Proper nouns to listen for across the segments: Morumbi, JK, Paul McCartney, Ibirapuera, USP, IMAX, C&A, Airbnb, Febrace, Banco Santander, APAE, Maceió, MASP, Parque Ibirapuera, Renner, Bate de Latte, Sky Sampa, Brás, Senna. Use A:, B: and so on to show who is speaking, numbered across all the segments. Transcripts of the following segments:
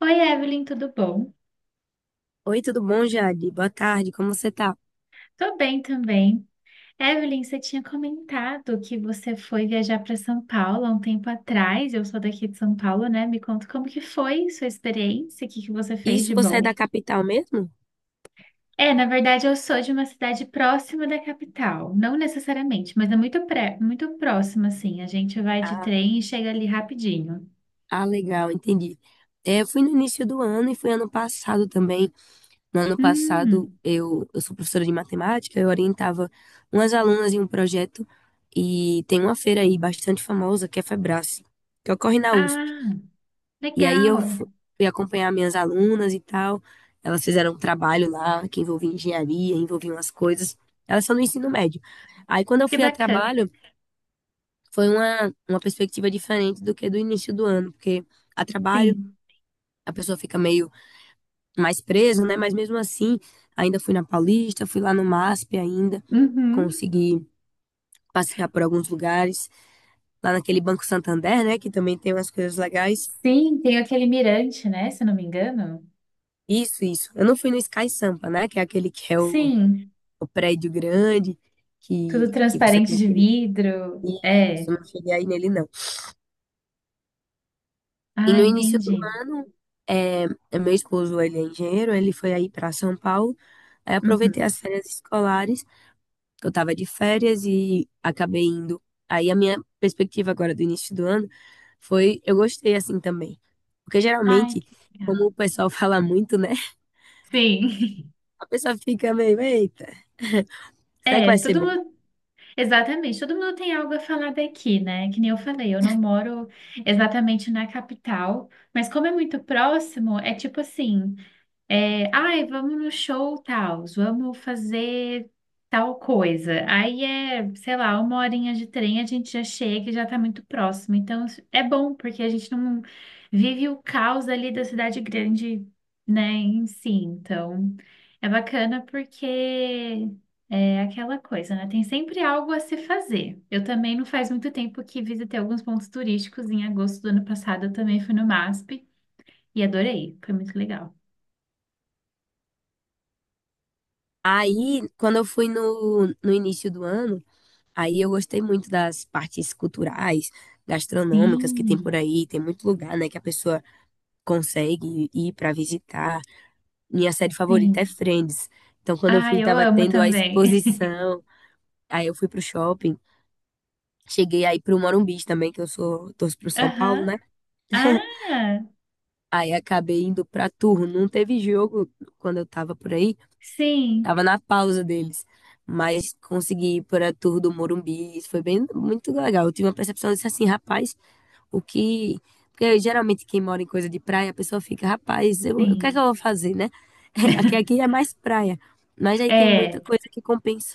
A: Oi, Evelyn, tudo bom?
B: Oi, tudo bom, Jade? Boa tarde, como você tá?
A: Tô bem também. Evelyn, você tinha comentado que você foi viajar para São Paulo há um tempo atrás. Eu sou daqui de São Paulo, né? Me conta como que foi sua experiência, o que que você fez
B: Isso,
A: de
B: você é
A: bom?
B: da capital mesmo?
A: É, na verdade, eu sou de uma cidade próxima da capital, não necessariamente, mas é muito muito próxima, assim. A gente vai de
B: Ah,
A: trem e chega ali rapidinho.
B: ah, legal, entendi. É, eu fui no início do ano e fui ano passado também. No ano passado,
A: Hum,
B: eu sou professora de matemática, eu orientava umas alunas em um projeto e tem uma feira aí bastante famosa, que é a Febrace, que ocorre na USP.
A: ah,
B: E aí
A: legal.
B: fui acompanhar minhas alunas e tal. Elas fizeram um trabalho lá que envolvia engenharia, envolvia umas coisas. Elas são do ensino médio. Aí quando eu
A: Que
B: fui a
A: bacana.
B: trabalho, foi uma perspectiva diferente do que do início do ano, porque a trabalho
A: Sim.
B: a pessoa fica meio mais presa, né? Mas mesmo assim, ainda fui na Paulista, fui lá no MASP ainda,
A: Uhum.
B: consegui passear por alguns lugares, lá naquele Banco Santander, né? Que também tem umas coisas legais.
A: Sim, tem aquele mirante, né? Se eu não me engano.
B: Isso, isso. Eu não fui no Sky Sampa, né? Que é aquele
A: Sim,
B: o prédio grande,
A: tudo
B: que você
A: transparente
B: tem
A: de
B: que.
A: vidro.
B: Isso,
A: É.
B: isso. Eu não cheguei aí nele, não. E
A: Ah,
B: no início do
A: entendi.
B: ano, é, meu esposo, ele é engenheiro, ele foi aí para São Paulo. Aí aproveitei
A: Uhum.
B: as férias escolares, que eu estava de férias e acabei indo. Aí a minha perspectiva agora do início do ano foi, eu gostei assim também. Porque
A: Ai,
B: geralmente,
A: que
B: como
A: legal.
B: o pessoal fala muito, né?
A: Sim.
B: A pessoa fica meio, eita, será que
A: É,
B: vai ser
A: todo
B: bom?
A: mundo, exatamente, todo mundo tem algo a falar daqui, né? Que nem eu falei, eu não moro exatamente na capital, mas como é muito próximo, é tipo assim. É, ai, vamos no show tal, vamos fazer tal coisa. Aí é, sei lá, uma horinha de trem, a gente já chega e já tá muito próximo. Então isso é bom, porque a gente não vive o caos ali da cidade grande, né, em si. Então é bacana porque é aquela coisa, né? Tem sempre algo a se fazer. Eu também não faz muito tempo que visitei alguns pontos turísticos. Em agosto do ano passado eu também fui no MASP e adorei, foi muito legal.
B: Aí, quando eu fui no início do ano, aí eu gostei muito das partes culturais, gastronômicas que tem
A: Sim,
B: por aí, tem muito lugar, né, que a pessoa consegue ir para visitar. Minha série favorita é
A: sim.
B: Friends. Então, quando eu
A: Ah,
B: fui,
A: eu
B: tava
A: amo
B: tendo a
A: também.
B: exposição. Aí eu fui pro shopping. Cheguei aí pro Morumbi também, que eu sou, torço pro São Paulo,
A: Aham.
B: né?
A: Ah,
B: Aí acabei indo pra Turro. Não teve jogo quando eu tava por aí.
A: sim,
B: Tava na pausa deles. Mas consegui ir pra Turro do Morumbi. Isso foi bem, muito legal. Eu tive uma percepção disso assim, rapaz, o que. Porque geralmente quem mora em coisa de praia, a pessoa fica, rapaz, eu, o que é que
A: sim.
B: eu vou fazer, né? Aqui, aqui é mais praia. Mas aí tem muita
A: É.
B: coisa que compensa.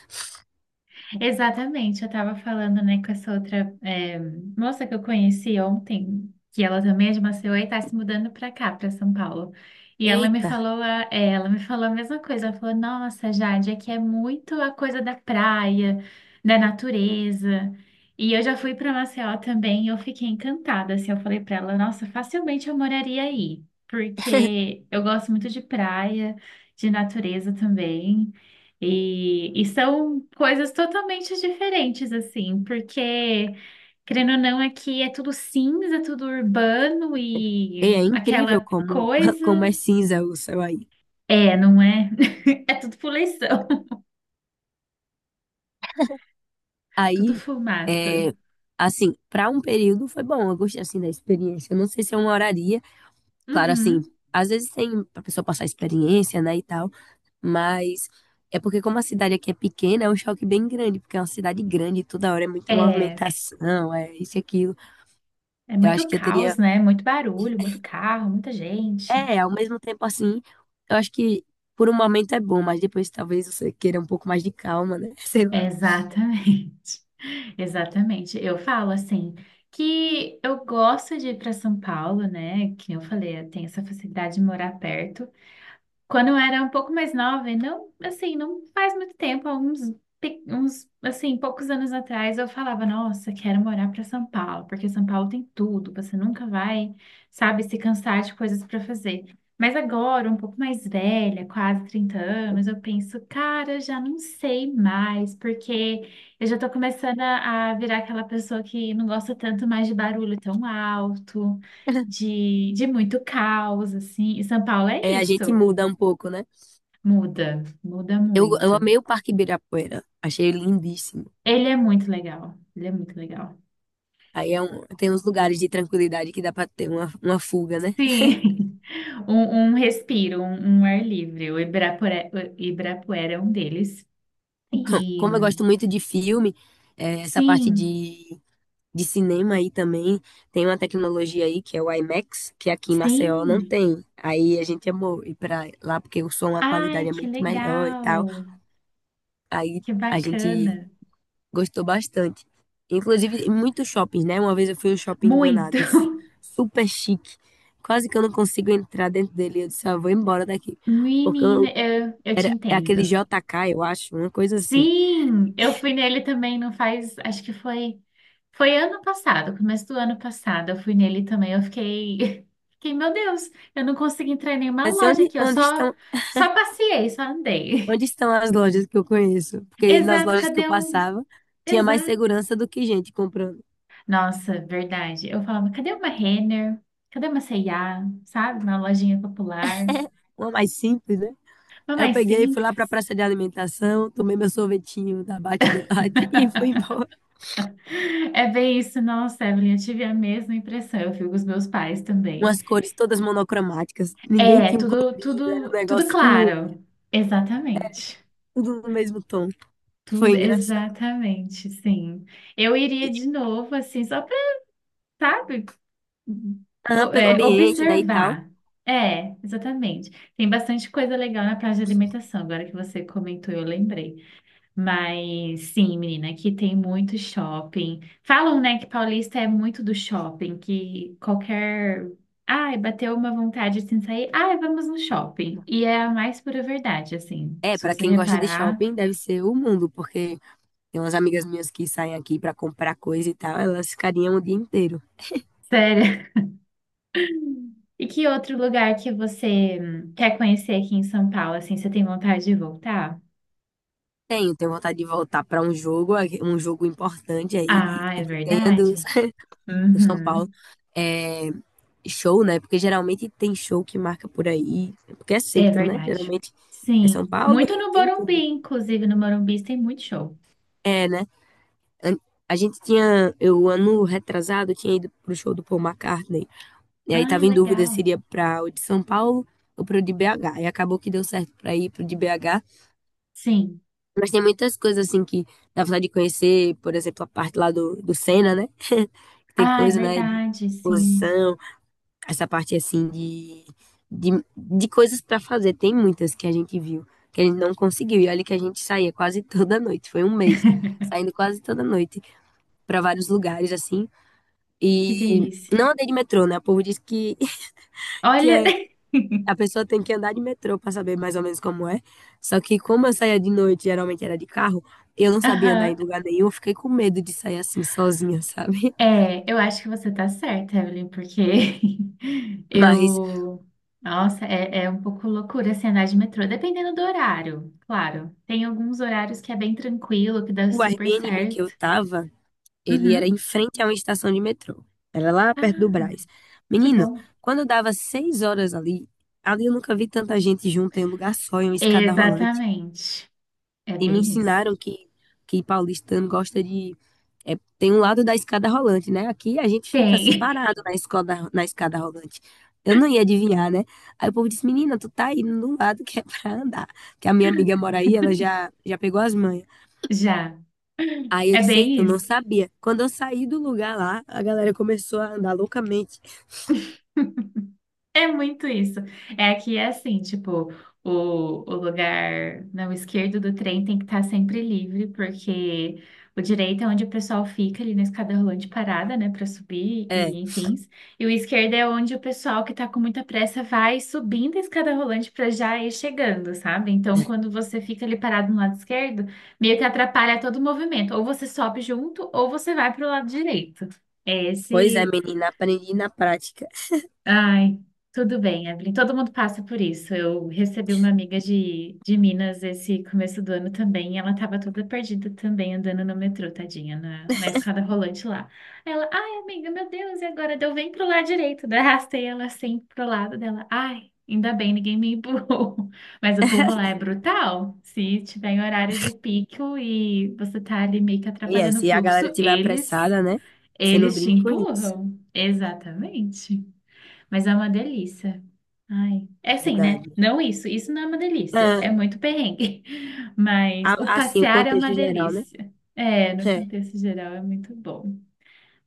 A: Exatamente, eu estava falando, né, com essa outra, moça que eu conheci ontem, que ela também é de Maceió e está se mudando para cá, para São Paulo. E ela me
B: Eita,
A: falou ela me falou a mesma coisa, ela falou, nossa, Jade, aqui é muito a coisa da praia, da natureza. E eu já fui para Maceió também e eu fiquei encantada, assim, eu falei para ela, nossa, facilmente eu moraria aí, porque eu gosto muito de praia, de natureza também. E são coisas totalmente diferentes, assim, porque, querendo ou não, aqui é tudo cinza, tudo urbano e
B: é incrível
A: aquela
B: como,
A: coisa.
B: como é cinza o céu aí.
A: É, não é? É tudo poluição, tudo
B: Aí,
A: fumaça.
B: é, assim, para um período foi bom, eu gostei assim da experiência. Eu não sei se eu moraria. Claro, assim,
A: Uhum.
B: às vezes tem pra pessoa passar experiência, né, e tal. Mas é porque como a cidade aqui é pequena, é um choque bem grande, porque é uma cidade grande, toda hora é muita
A: É,
B: movimentação, é isso e aquilo.
A: é
B: Eu acho
A: muito
B: que eu teria.
A: caos, né? Muito barulho, muito carro, muita gente.
B: É, ao mesmo tempo assim, eu acho que por um momento é bom, mas depois talvez você queira um pouco mais de calma, né? Sei lá.
A: Exatamente, exatamente. Eu falo assim que eu gosto de ir para São Paulo, né? Que eu falei, eu tenho essa facilidade de morar perto. Quando eu era um pouco mais nova, e não, assim, não faz muito tempo, há uns, assim, poucos anos atrás, eu falava, nossa, quero morar para São Paulo, porque São Paulo tem tudo, você nunca vai, sabe, se cansar de coisas para fazer. Mas agora, um pouco mais velha, quase 30 anos, eu penso, cara, já não sei mais, porque eu já tô começando a virar aquela pessoa que não gosta tanto mais de barulho tão alto, de muito caos, assim, e São Paulo é
B: É, a gente
A: isso.
B: muda um pouco, né?
A: Muda, muda
B: Eu
A: muito.
B: amei o Parque Ibirapuera, achei lindíssimo.
A: Ele é muito legal. Ele é muito legal.
B: Aí é um, tem uns lugares de tranquilidade que dá pra ter uma fuga, né?
A: Sim, um respiro, um ar livre. O Ibirapuera é um deles. E
B: Como eu gosto muito de filme, é, essa parte
A: sim,
B: de cinema aí também. Tem uma tecnologia aí que é o IMAX, que aqui em Maceió não
A: sim.
B: tem. Aí a gente amou ir pra lá porque o som, a
A: Ai,
B: qualidade é
A: que
B: muito melhor e tal.
A: legal.
B: Aí
A: Que
B: a gente
A: bacana.
B: gostou bastante. Inclusive, em muitos shoppings, né? Uma vez eu fui no shopping
A: Muito.
B: enganado, super chique. Quase que eu não consigo entrar dentro dele. Eu disse, ah, vou embora daqui. Porque eu
A: Menina,
B: não-
A: eu te
B: era, é aquele
A: entendo.
B: JK, eu acho, uma coisa assim.
A: Sim, eu fui nele também, não faz, acho que foi. Foi ano passado, começo do ano passado, eu fui nele também, eu fiquei, fiquei, meu Deus, eu não consegui entrar em nenhuma
B: Mas
A: loja aqui, eu só, só passeei, só andei.
B: Onde estão as lojas que eu conheço? Porque nas
A: Exato,
B: lojas que eu
A: cadê um?
B: passava, tinha mais
A: Exato.
B: segurança do que gente comprando.
A: Nossa, verdade. Eu falava, cadê uma Renner? Cadê uma C&A? Sabe? Uma lojinha popular.
B: Uma mais simples, né?
A: Uma
B: Aí eu
A: mais
B: peguei, fui lá pra
A: simples.
B: praça de alimentação, tomei meu sorvetinho da Bate de Latte e fui embora.
A: É bem isso, nossa, Evelyn, eu tive a mesma impressão, eu fui com os meus pais também.
B: Umas cores todas monocromáticas. Ninguém
A: É,
B: tinha um
A: tudo,
B: colorido, era um
A: tudo, tudo
B: negócio tudo,
A: claro. Exatamente.
B: tudo no mesmo tom. Foi
A: Tudo,
B: engraçado.
A: exatamente, sim. Eu
B: E,
A: iria de novo, assim, só para, sabe,
B: ah, pelo
A: é,
B: ambiente, né, e tal.
A: observar. É, exatamente. Tem bastante coisa legal na praia de alimentação, agora que você comentou, eu lembrei. Mas sim, menina, aqui tem muito shopping. Falam, né, que paulista é muito do shopping, que qualquer. Ai, bateu uma vontade assim de sair. Ai, vamos no shopping. E é a mais pura verdade, assim.
B: É,
A: Se
B: pra
A: você
B: quem gosta de
A: reparar.
B: shopping, deve ser o mundo, porque tem umas amigas minhas que saem aqui pra comprar coisa e tal, elas ficariam o dia inteiro.
A: E que outro lugar que você quer conhecer aqui em São Paulo, assim, você tem vontade de voltar?
B: Tenho, tenho vontade de voltar para um jogo importante aí de,
A: Ah, é
B: que tenha do,
A: verdade?
B: do São Paulo.
A: Uhum,
B: É, show, né? Porque geralmente tem show que marca por aí, porque é
A: é
B: centro, né?
A: verdade.
B: Geralmente é São
A: Sim,
B: Paulo,
A: muito
B: Rio,
A: no
B: tem tudo.
A: Morumbi, inclusive no Morumbi tem muito show.
B: É, né? An- A gente tinha, eu ano retrasado, tinha ido pro show do Paul McCartney. E aí
A: Ah,
B: tava em dúvida se
A: legal.
B: iria para o de São Paulo ou pro de BH. E acabou que deu certo para ir pro de BH.
A: Sim.
B: Mas tem muitas coisas assim que dá vontade de conhecer, por exemplo, a parte lá do Senna, né? que tem
A: Ah, é
B: coisa, né, de
A: verdade, sim.
B: exposição, essa parte assim de, de coisas para fazer. Tem muitas que a gente viu, que a gente não conseguiu. E olha que a gente saía quase toda noite, foi um mês, saindo quase toda noite para vários lugares assim.
A: Que
B: E
A: delícia.
B: não andei de metrô, né? O povo diz que, que
A: Olha.
B: é a pessoa tem que andar de metrô para saber mais ou menos como é. Só que como eu saía de noite, geralmente era de carro, eu não sabia andar em
A: Aham.
B: lugar nenhum, eu fiquei com medo de sair assim sozinha, sabe?
A: É, eu acho que você tá certa, Evelyn, porque
B: Mas
A: eu. Nossa, é, é um pouco loucura assim, andar de metrô, dependendo do horário, claro. Tem alguns horários que é bem tranquilo, que dá
B: o
A: super
B: Airbnb que eu
A: certo.
B: tava, ele era em
A: Uhum.
B: frente a uma estação de metrô. Era lá perto do
A: Ah,
B: Brás.
A: que
B: Menino,
A: bom.
B: quando dava 6 horas ali, ali eu nunca vi tanta gente junta em um lugar só, em uma escada rolante.
A: Exatamente. É
B: E me
A: bem isso.
B: ensinaram que paulistano gosta de. É, tem um lado da escada rolante, né? Aqui a gente fica
A: Tem,
B: parado na escola, na escada rolante. Eu não ia adivinhar, né? Aí o povo disse: Menina, tu tá indo num lado que é pra andar. Que a minha amiga mora aí, ela já, já pegou as manhas.
A: já.
B: Aí eu
A: É
B: disse: Eita,
A: bem
B: eu não
A: isso.
B: sabia. Quando eu saí do lugar lá, a galera começou a andar loucamente.
A: É muito isso. É que é assim, tipo, o, o lugar não esquerdo do trem tem que estar sempre livre, porque o direito é onde o pessoal fica ali na escada rolante parada, né, para subir e
B: É,
A: enfim. E o esquerdo é onde o pessoal que tá com muita pressa vai subindo a escada rolante para já ir chegando, sabe? Então, quando você fica ali parado no lado esquerdo, meio que atrapalha todo o movimento. Ou você sobe junto, ou você vai para o lado direito. É
B: pois é,
A: esse.
B: menina, aprendi na prática.
A: Ai, tudo bem, Evelyn. Todo mundo passa por isso. Eu recebi uma amiga de Minas esse começo do ano também. E ela estava toda perdida também, andando no metrô, tadinha, na escada rolante lá. Aí ela, ai, amiga, meu Deus, e agora? Deu bem pro lado direito. Daí arrastei ela assim pro lado dela. Ai, ainda bem, ninguém me empurrou. Mas o povo lá é brutal. Se tiver em horário de pico e você tá ali meio que
B: E é,
A: atrapalhando o
B: se a galera
A: fluxo,
B: tiver apressada, né? Você não
A: eles te
B: brinca com isso,
A: empurram. Exatamente. Mas é uma delícia. Ai. É
B: é
A: assim, né?
B: verdade.
A: Não isso. Isso não é uma delícia.
B: Ah,
A: É muito perrengue. Mas o
B: Assim, o
A: passear é uma
B: contexto geral, né?
A: delícia. É, no
B: É.
A: contexto geral é muito bom.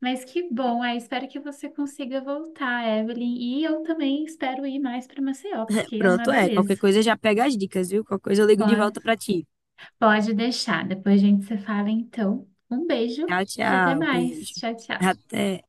A: Mas que bom. Aí espero que você consiga voltar, Evelyn. E eu também espero ir mais para Maceió, porque é uma
B: Pronto, é. Qualquer
A: beleza.
B: coisa já pega as dicas, viu? Qualquer coisa eu ligo de
A: Pode,
B: volta pra ti.
A: pode deixar. Depois a gente se fala, então. Um beijo
B: Tchau,
A: e até
B: tchau. Beijo.
A: mais. Tchau, tchau.
B: Até.